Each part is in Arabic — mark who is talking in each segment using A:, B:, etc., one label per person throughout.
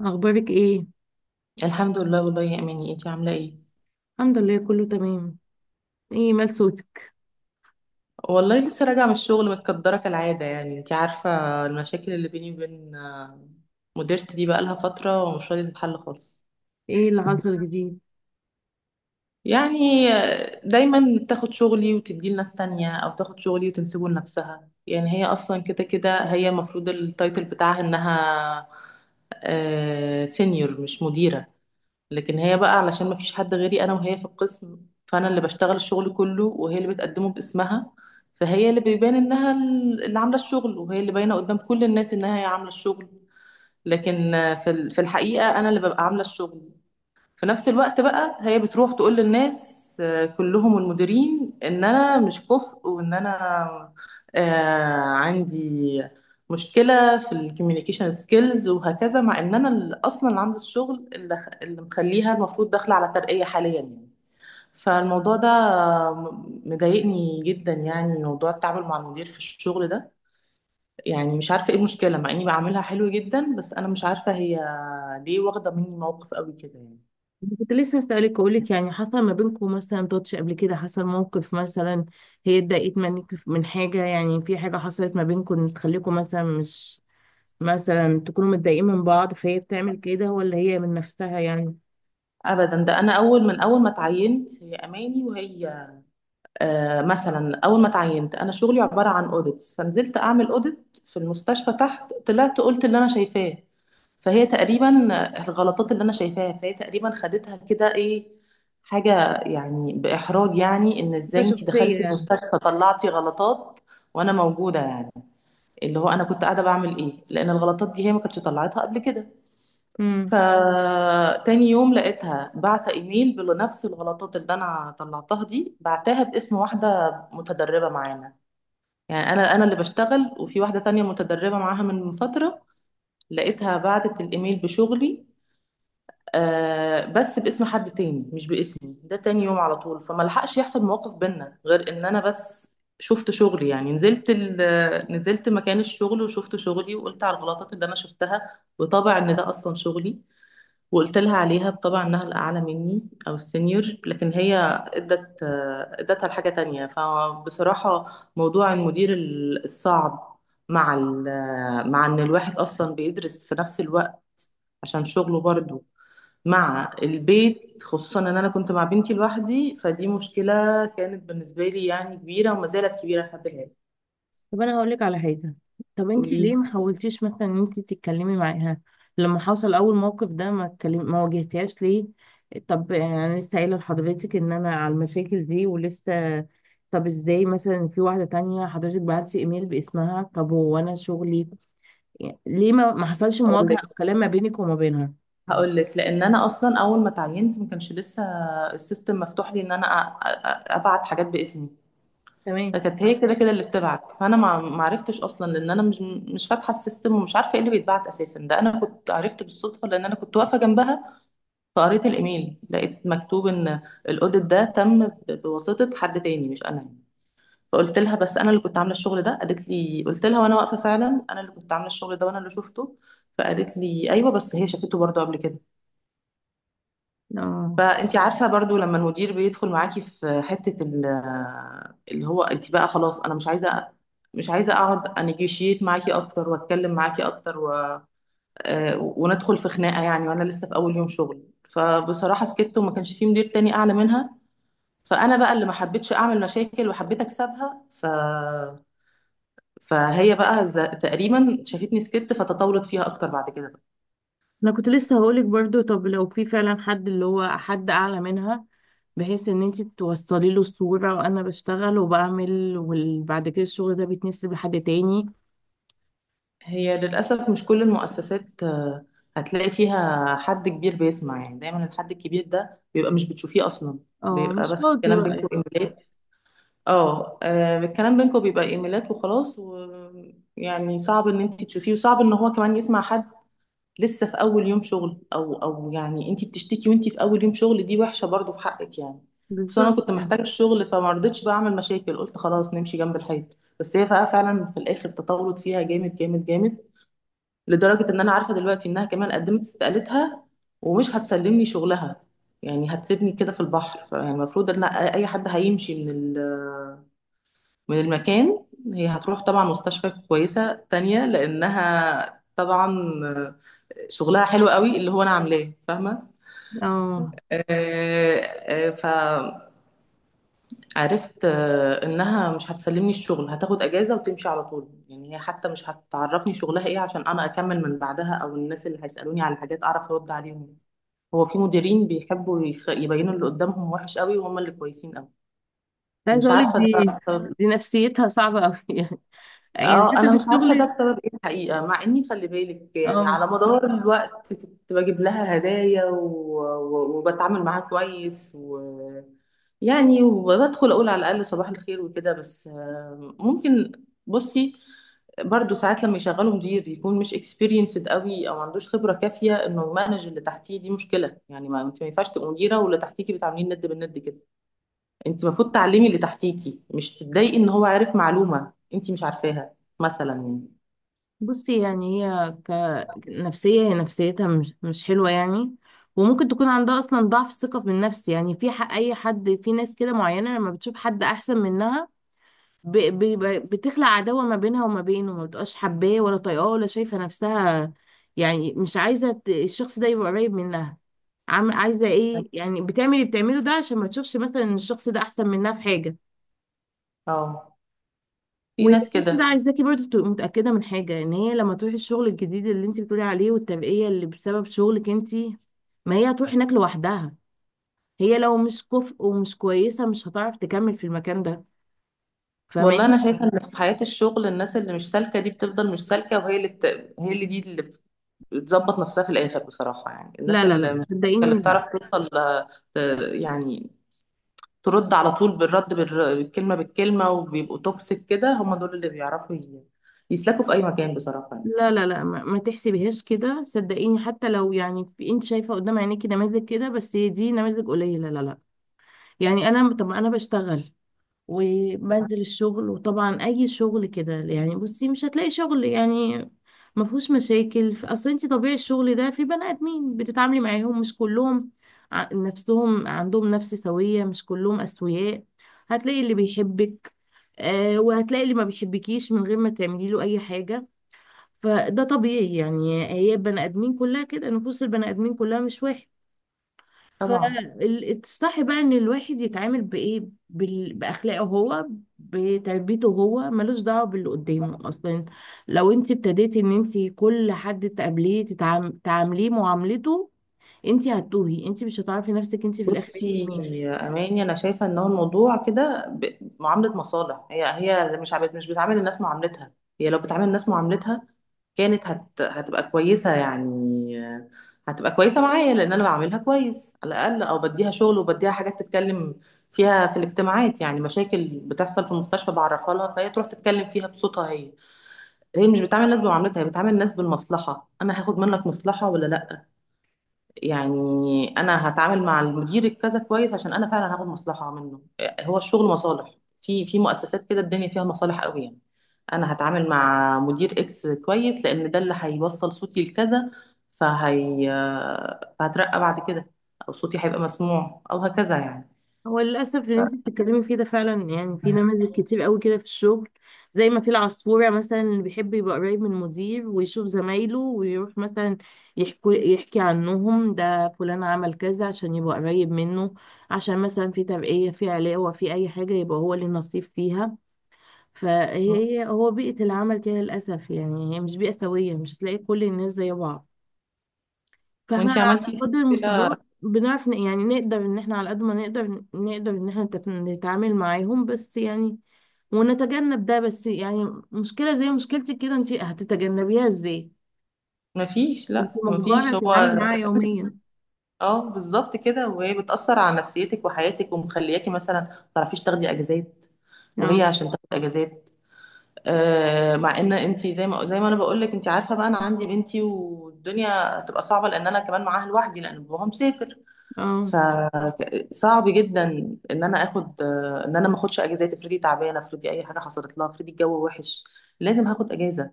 A: اخبارك ايه؟
B: الحمد لله. والله يا اماني، انتي عامله ايه؟
A: الحمد لله كله تمام. ايه مال صوتك؟
B: والله لسه راجعه من الشغل، متكدره كالعاده، يعني انتي عارفه. المشاكل اللي بيني وبين مديرتي دي بقالها فتره ومش راضيه تتحل خالص.
A: ايه اللي حصل جديد؟
B: يعني دايما بتاخد شغلي وتديه لناس تانية، او تاخد شغلي وتنسبه لنفسها. يعني هي اصلا كده كده، هي المفروض التايتل بتاعها انها سينيور مش مديره، لكن هي بقى علشان ما فيش حد غيري انا وهي في القسم، فانا اللي بشتغل الشغل كله وهي اللي بتقدمه باسمها. فهي اللي بيبان انها اللي عامله الشغل، وهي اللي باينه قدام كل الناس انها هي عامله الشغل. لكن في الحقيقه انا اللي ببقى عامله الشغل. في نفس الوقت بقى هي بتروح تقول للناس، كلهم المديرين، ان انا مش كفء، وان انا عندي مشكلة في الكوميونيكيشن سكيلز وهكذا، مع ان انا اللي اصلا اللي عامله الشغل، اللي مخليها المفروض داخلة على ترقية حاليا يعني. فالموضوع ده مضايقني جدا، يعني موضوع التعامل مع المدير في الشغل ده. يعني مش عارفة ايه المشكلة، مع اني بعملها حلو جدا، بس انا مش عارفة هي ليه واخدة مني موقف قوي كده يعني.
A: كنت لسه اسالك اقول لك، يعني حصل ما بينكم مثلا تاتش قبل كده؟ حصل موقف مثلا؟ هي اتضايقت منك من حاجه؟ يعني في حاجه حصلت ما بينكم تخليكم مثلا مش مثلا تكونوا متضايقين من بعض، فهي بتعمل كده؟ ولا هي من نفسها يعني؟
B: ابدا، ده انا اول، من اول ما اتعينت هي اماني وهي. مثلا، اول ما اتعينت انا شغلي عباره عن اوديتس، فنزلت اعمل اوديت في المستشفى تحت، طلعت قلت اللي انا شايفاه. فهي تقريبا الغلطات اللي انا شايفاها، فهي تقريبا خدتها كده ايه، حاجه يعني باحراج، يعني ان
A: ده
B: ازاي انت
A: شخصيه
B: دخلتي
A: يعني.
B: المستشفى طلعتي غلطات وانا موجوده يعني، اللي هو انا كنت قاعده بعمل ايه؟ لان الغلطات دي هي ما كانتش طلعتها قبل كده.
A: امم
B: فتاني يوم لقيتها بعت ايميل بنفس الغلطات اللي انا طلعتها دي، بعتها باسم واحده متدربه معانا. يعني انا اللي بشتغل، وفي واحده تانية متدربه معاها من فتره، لقيتها بعتت الايميل بشغلي، بس باسم حد تاني مش باسمي. ده تاني يوم على طول، فما لحقش يحصل مواقف بينا، غير ان انا بس شفت شغلي، يعني نزلت مكان الشغل، وشفت شغلي وقلت على الغلطات اللي انا شفتها، وطبع ان ده اصلا شغلي. وقلت لها عليها، بطبع انها الاعلى مني او السينيور، لكن هي ادت ادتها لحاجه تانية. فبصراحه موضوع المدير الصعب، مع ان الواحد اصلا بيدرس في نفس الوقت عشان شغله برضه، مع البيت، خصوصا ان انا كنت مع بنتي لوحدي، فدي مشكله كانت بالنسبه لي يعني كبيره، وما زالت كبيره لحد الان.
A: طب انا هقول لك على حاجه. طب انت
B: قولي.
A: ليه ما حاولتيش مثلا ان انت تتكلمي معاها لما حصل اول موقف ده؟ ما اتكلم، ما واجهتيهاش ليه؟ طب يعني انا لسه قايله لحضرتك ان انا على المشاكل دي ولسه، طب ازاي مثلا في واحده تانية حضرتك بعتي ايميل باسمها؟ طب هو انا شغلي، يعني ليه ما حصلش
B: اقول
A: مواجهه
B: لك
A: او كلام ما بينك وما بينها؟
B: هقول لك، لان انا اصلا اول ما اتعينت ما كانش لسه السيستم مفتوح لي ان انا ابعت حاجات باسمي،
A: تمام.
B: فكانت هي كده كده اللي بتبعت، فانا ما عرفتش اصلا، لان انا مش فاتحه السيستم ومش عارفه ايه اللي بيتبعت اساسا. ده انا كنت عرفت بالصدفه، لان انا كنت واقفه جنبها، فقريت الايميل لقيت مكتوب ان الاوديت ده تم بواسطه حد تاني مش انا. فقلت لها بس انا اللي كنت عامله الشغل ده، قالت لي، قلت لها وانا واقفه، فعلا انا اللي كنت عامله الشغل ده وانا اللي شفته، فقالت لي ايوه، بس هي شافته برضه قبل كده.
A: اه،
B: فانت عارفه برضو لما المدير بيدخل معاكي في حته اللي هو، انت بقى خلاص انا مش عايزه اقعد انيجوشيت معاكي اكتر واتكلم معاكي اكتر وندخل في خناقه يعني، وانا لسه في اول يوم شغل. فبصراحه سكت، وما كانش في مدير تاني اعلى منها، فانا بقى اللي ما حبيتش اعمل مشاكل وحبيت اكسبها. فهي بقى تقريبا شافتني سكت فتطورت فيها اكتر بعد كده.
A: انا كنت لسه هقولك برضو، طب لو في فعلا حد اللي هو حد اعلى منها، بحيث ان انت توصلي له الصورة وانا بشتغل وبعمل وبعد كده الشغل ده بيتنسب لحد تاني.
B: هي للأسف مش كل المؤسسات هتلاقي فيها حد كبير بيسمع، يعني دايما الحد الكبير ده بيبقى مش بتشوفيه أصلا.
A: اه،
B: بيبقى
A: مش
B: بس
A: فاضي
B: الكلام
A: بقى
B: بينكم
A: يعني. آه،
B: إيميلات. الكلام بينكم بيبقى إيميلات وخلاص، ويعني صعب إن أنت تشوفيه، وصعب إن هو كمان يسمع حد لسه في أول يوم شغل. أو يعني أنت بتشتكي وأنت في أول يوم شغل، دي وحشة برضو في حقك يعني. بس أنا
A: بالظبط
B: كنت
A: يعني.
B: محتاجة الشغل، فما رضيتش بقى أعمل مشاكل، قلت خلاص نمشي جنب الحيط. بس هي بقى فعلا في الآخر تطورت فيها جامد جامد جامد، لدرجة إن أنا عارفة دلوقتي إنها كمان قدمت استقالتها ومش هتسلمني شغلها، يعني هتسيبني كده في البحر. يعني المفروض إن أي حد هيمشي من المكان. هي هتروح طبعا مستشفى كويسة تانية، لأنها طبعا شغلها حلو قوي اللي هو أنا عاملاه، فاهمة؟
A: اه،
B: آه، آه، عرفت انها مش هتسلمني الشغل، هتاخد اجازه وتمشي على طول، يعني هي حتى مش هتعرفني شغلها ايه عشان انا اكمل من بعدها، او الناس اللي هيسالوني على حاجات اعرف ارد عليهم. هو في مديرين بيحبوا يبينوا اللي قدامهم وحش قوي وهم اللي كويسين قوي.
A: عايزه
B: مش
A: اقولك
B: عارفه
A: دي،
B: ده.
A: دي نفسيتها صعبة قوي يعني، يعني
B: اه،
A: حتى
B: انا
A: في
B: مش عارفه ده
A: الشغل.
B: بسبب ايه الحقيقه، مع اني خلي بالك يعني
A: اه،
B: على مدار الوقت كنت بجيب لها هدايا وبتعامل معاها كويس يعني وبدخل اقول على الاقل صباح الخير وكده، بس ممكن. بصي، برضو ساعات لما يشغلوا مدير يكون مش اكسبيرينسد قوي، او ما عندوش خبره كافيه انه يمانج اللي تحتيه، دي مشكله يعني. ما انت ما ينفعش تبقى مديره واللي تحتيكي بتعاملين ند بالند كده. انت المفروض تعلمي اللي تحتيكي، مش تتضايقي ان هو عارف معلومة انت مش عارفاها مثلا يعني.
A: بصي يعني هي، كنفسية هي نفسيتها مش مش حلوة يعني، وممكن تكون عندها أصلا ضعف الثقة بالنفس يعني في حق أي حد. في ناس كده معينة لما بتشوف حد أحسن منها، بتخلق عداوة ما بينها وما بينه، ما بتبقاش حباه ولا طايقاه ولا شايفة نفسها. يعني مش عايزة الشخص ده يبقى قريب منها. عم عايزة إيه يعني؟ بتعمل اللي بتعمله ده عشان ما تشوفش مثلا إن الشخص ده أحسن منها في حاجة.
B: اه، في
A: وغير
B: ناس كده.
A: كده، عايزاكي برضه تبقي متأكدة من حاجة، ان هي لما تروحي الشغل الجديد اللي انت بتقولي عليه والترقية اللي بسبب شغلك انت، ما هي هتروح هناك لوحدها. هي لو مش كفء ومش كويسة، مش هتعرف تكمل في المكان ده،
B: والله
A: فاهماني؟
B: انا شايفة ان في حياة الشغل، الناس اللي مش سالكة دي بتفضل مش سالكة، وهي اللي بت... هي اللي دي اللي بتظبط نفسها في الاخر بصراحة. يعني الناس
A: لا لا
B: اللي
A: لا،
B: مش سالكة اللي
A: صدقيني، لا.
B: بتعرف توصل ت- يعني ترد على طول بالرد بالكلمة بالكلمة، وبيبقوا توكسيك كده، هم دول اللي بيعرفوا يسلكوا في اي مكان بصراحة يعني.
A: لا لا لا، ما تحسبيهاش كده، صدقيني. حتى لو يعني انت شايفة قدام عينيكي نماذج كده، بس هي دي نماذج قليلة، لا لا. يعني انا، طب انا بشتغل وبنزل الشغل، وطبعا اي شغل كده يعني، بصي مش هتلاقي شغل يعني ما فيهوش مشاكل، اصل انت طبيعي الشغل ده في بني ادمين بتتعاملي معاهم، مش كلهم نفسهم عندهم نفس سوية، مش كلهم اسوياء. هتلاقي اللي بيحبك، آه، وهتلاقي اللي ما بيحبكيش من غير ما تعملي له اي حاجة. فده طبيعي يعني، هي البني ادمين كلها كده، نفوس البني ادمين كلها مش واحد.
B: طبعا.
A: فالصح بقى ان الواحد يتعامل بايه؟ باخلاقه هو، بتربيته هو، ملوش دعوه باللي قدامه اصلا. لو انت ابتديتي ان انت كل حد تقابليه تعامليه معاملته، انت هتتوهي، انت مش هتعرفي نفسك، انت في الاخر انت
B: بصي
A: مين؟
B: يا اماني، انا شايفه ان هو الموضوع كده معامله مصالح. هي اللي مش بتعامل الناس معاملتها. هي لو بتعامل الناس معاملتها كانت هتبقى كويسه يعني. آه، هتبقى كويسه معايا، لان انا بعاملها كويس على الاقل، او بديها شغل وبديها حاجات تتكلم فيها في الاجتماعات، يعني مشاكل بتحصل في المستشفى بعرفها لها، فهي تروح تتكلم فيها بصوتها هي. هي مش بتعامل الناس بمعاملتها، هي بتعامل الناس بالمصلحه. انا هاخد منك مصلحه ولا لا؟ يعني انا هتعامل مع المدير الكذا كويس عشان انا فعلا هاخد مصلحه منه. هو الشغل مصالح، في مؤسسات كده الدنيا فيها مصالح قوي يعني. انا هتعامل مع مدير اكس كويس لان ده اللي هيوصل صوتي لكذا، فهي فهترقى بعد كده، او صوتي هيبقى مسموع او هكذا يعني.
A: هو للأسف اللي انت بتتكلمي فيه ده فعلا يعني، في نماذج كتير قوي كده في الشغل، زي ما في العصفورة مثلا اللي بيحب يبقى قريب من المدير ويشوف زمايله ويروح مثلا يحكي عنهم، ده فلان عمل كذا، عشان يبقى قريب منه، عشان مثلا في ترقية، في علاوة، في أي حاجة يبقى هو اللي نصيب فيها. فهي هو بيئة العمل كده للأسف يعني، هي مش بيئة سوية، مش هتلاقي كل الناس زي بعض. فاحنا
B: وانتي
A: على
B: عملتي
A: قدر
B: كده.
A: المستطاع بنعرف نقدر ان احنا على قد ما نقدر نقدر ان احنا نتعامل معاهم بس يعني، ونتجنب ده. بس يعني مشكلة زي مشكلتك كده، انت هتتجنبيها ازاي؟
B: مفيش،
A: انت
B: لا
A: مجبرة
B: مفيش. هو
A: تتعاملي معاها يوميا.
B: اه، بالظبط كده، وهي بتأثر على نفسيتك وحياتك ومخلياكي مثلا ما تعرفيش تاخدي اجازات،
A: اه.
B: وهي عشان تاخد اجازات. مع ان انت، زي ما انا بقول لك، انت عارفه بقى، انا عندي بنتي والدنيا هتبقى صعبه، لان انا كمان معاها لوحدي، لان باباها مسافر.
A: اه،
B: فصعب جدا ان انا اخد، ان انا ما اخدش اجازات. افرضي تعبانه، افرضي اي حاجه حصلت لها، افرضي الجو وحش، لازم هاخد اجازه.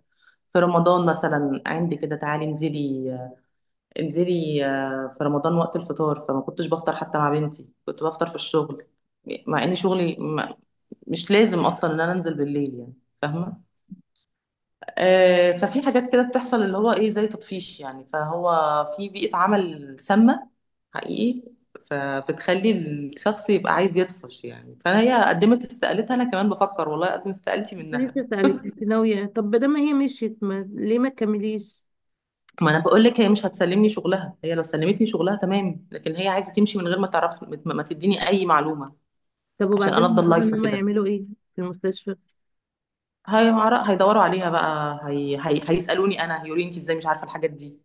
B: في رمضان مثلا عندي كده، تعالي انزلي في رمضان وقت الفطار، فما كنتش بفطر حتى مع بنتي، كنت بفطر في الشغل، مع ان شغلي مش لازم اصلا ان انا انزل بالليل يعني، فاهمه؟ ففي حاجات كده بتحصل، اللي هو ايه، زي تطفيش يعني. فهو في بيئة عمل سامة حقيقي، فبتخلي الشخص يبقى عايز يطفش يعني. فهي قدمت استقالتها، انا كمان بفكر والله اقدم استقالتي
A: كنت لسه
B: منها.
A: اسألك، انت ناوية؟ طب بدل ما هي مشيت ما... ليه ما تكمليش؟
B: ما انا بقول لك، هي مش هتسلمني شغلها. هي لو سلمتني شغلها تمام، لكن هي عايزة تمشي من غير ما تعرف، ما تديني اي معلومة،
A: طب
B: عشان
A: وبعدين
B: انا افضل
A: المفروض
B: لايصة
A: ان هم
B: كده.
A: يعملوا ايه في المستشفى؟
B: هي هيدوروا عليها بقى، هيسألوني انا، هيقولوا لي انت ازاي مش عارفة الحاجات دي،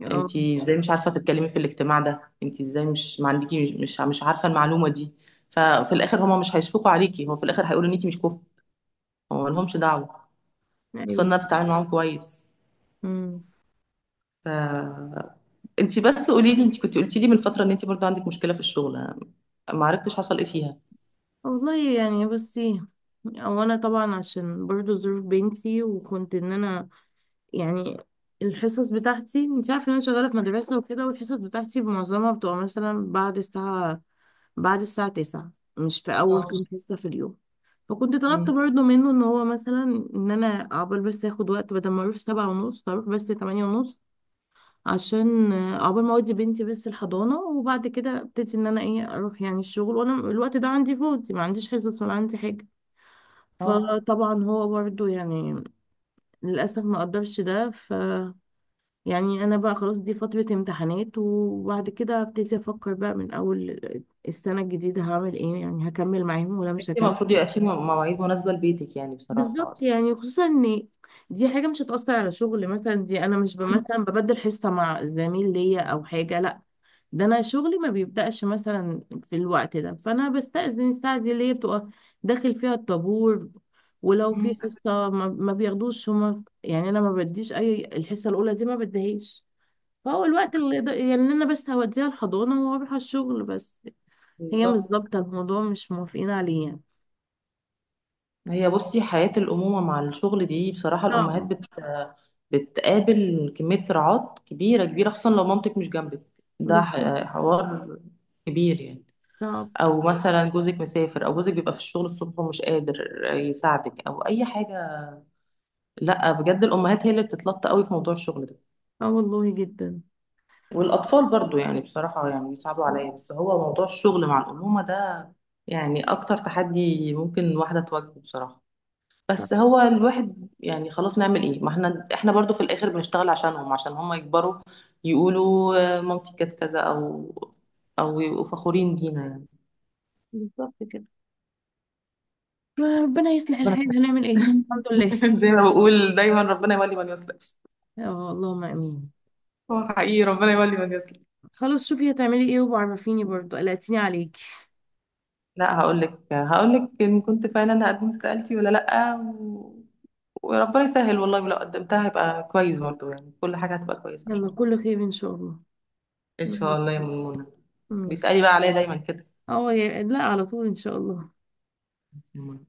A: اه.
B: انتي ازاي مش عارفه تتكلمي في الاجتماع ده، انتي ازاي مش ما عندكي، مش عارفه المعلومه دي. ففي الاخر هما مش هيشفقوا عليكي، هو في الاخر هيقولوا ان انتي مش كفء. هو ما لهمش دعوه، خصوصا
A: ايوه.
B: إن انا بتعامل معاهم كويس.
A: مم.
B: ف انتي بس قولي لي، انتي كنت قلتي لي من فتره ان انتي برضو عندك مشكله في الشغل، ما عرفتش حصل ايه فيها.
A: والله يعني بصي، او انا طبعا عشان برضو ظروف بنتي، وكنت ان انا يعني، الحصص بتاعتي انت عارفه ان انا شغاله في مدرسه وكده، والحصص بتاعتي معظمها بتبقى مثلا بعد الساعه، بعد الساعه 9، مش في اول كام
B: اه.
A: حصه في اليوم. فكنت طلبت
B: مم.
A: برضو منه ان هو مثلا، ان انا عقبال بس اخد وقت، بدل ما اروح سبعة ونص اروح بس تمانية ونص، عشان عقبال ما اودي بنتي بس الحضانه، وبعد كده ابتدي ان انا ايه، اروح يعني الشغل وانا الوقت ده عندي فاضي، ما عنديش حصص ولا عندي حاجه.
B: اه،
A: فطبعا هو برضو يعني للاسف ما قدرش، ده ف، يعني انا بقى خلاص دي فتره امتحانات، وبعد كده ابتدي افكر بقى من اول السنه الجديده هعمل ايه، يعني هكمل معاهم ولا مش
B: انتي
A: هكمل.
B: المفروض يبقى في مواعيد مناسبه لبيتك يعني بصراحه
A: بالظبط
B: اصلا.
A: يعني، خصوصا ان دي حاجة مش هتأثر على شغل مثلا، دي انا مش
B: مم.
A: مثلا ببدل حصة مع زميل ليا او حاجة، لا، ده انا شغلي ما بيبدأش مثلا في الوقت ده، فانا بستأذن الساعة دي اللي هي بتبقى داخل فيها الطابور. ولو في
B: مم.
A: حصة ما بياخدوش هما يعني، انا ما بديش اي، الحصة الاولى دي ما بديهاش. فهو الوقت اللي ده يعني، إن انا بس هوديها الحضانة واروح على الشغل بس. هي مش
B: بالظبط.
A: ظابطة، الموضوع مش موافقين عليه يعني.
B: ما هي بصي، حياه الامومه مع الشغل دي بصراحه، الامهات
A: صعبة.
B: بتقابل كمية صراعات كبيرة كبيرة، خصوصا لو مامتك مش جنبك، ده
A: بالظبط.
B: حوار كبير يعني.
A: صعب.
B: أو مثلا جوزك مسافر، أو جوزك بيبقى في الشغل الصبح ومش قادر يساعدك أو أي حاجة. لأ، بجد الأمهات هي اللي بتتلطى قوي في موضوع الشغل ده،
A: اه والله، جدا.
B: والأطفال برضو يعني بصراحة يعني بيصعبوا عليا. بس هو موضوع الشغل مع الأمومة ده يعني أكتر تحدي ممكن واحدة تواجهه بصراحة. بس هو الواحد يعني خلاص، نعمل ايه، ما احنا برضو في الاخر بنشتغل عشانهم، عشان هم يكبروا يقولوا مامتي كانت كذا، او يبقوا فخورين بينا يعني.
A: بالظبط كده. ربنا يصلح
B: ربنا
A: الحال، هنعمل ايه، الحمد لله.
B: يسلمك. زي ما بقول دايما، ربنا يولي من يصلح.
A: اه، اللهم امين.
B: هو حقيقي، ربنا يولي من يصلح.
A: خلاص شوفي هتعملي ايه وعرفيني برضو، قلقتيني عليكي.
B: لا، هقول لك ان كنت فعلا هقدم استقالتي ولا لا وربنا يسهل والله، ولو قدمتها هيبقى كويس برضو يعني، كل حاجة هتبقى كويسة ان
A: يلا
B: شاء الله.
A: كله خير ان شاء الله.
B: ان
A: مم.
B: شاء الله يا منى.
A: ماشي.
B: بيسألي بقى عليا دايما
A: اه يا- لا، على طول ان شاء الله.
B: كده.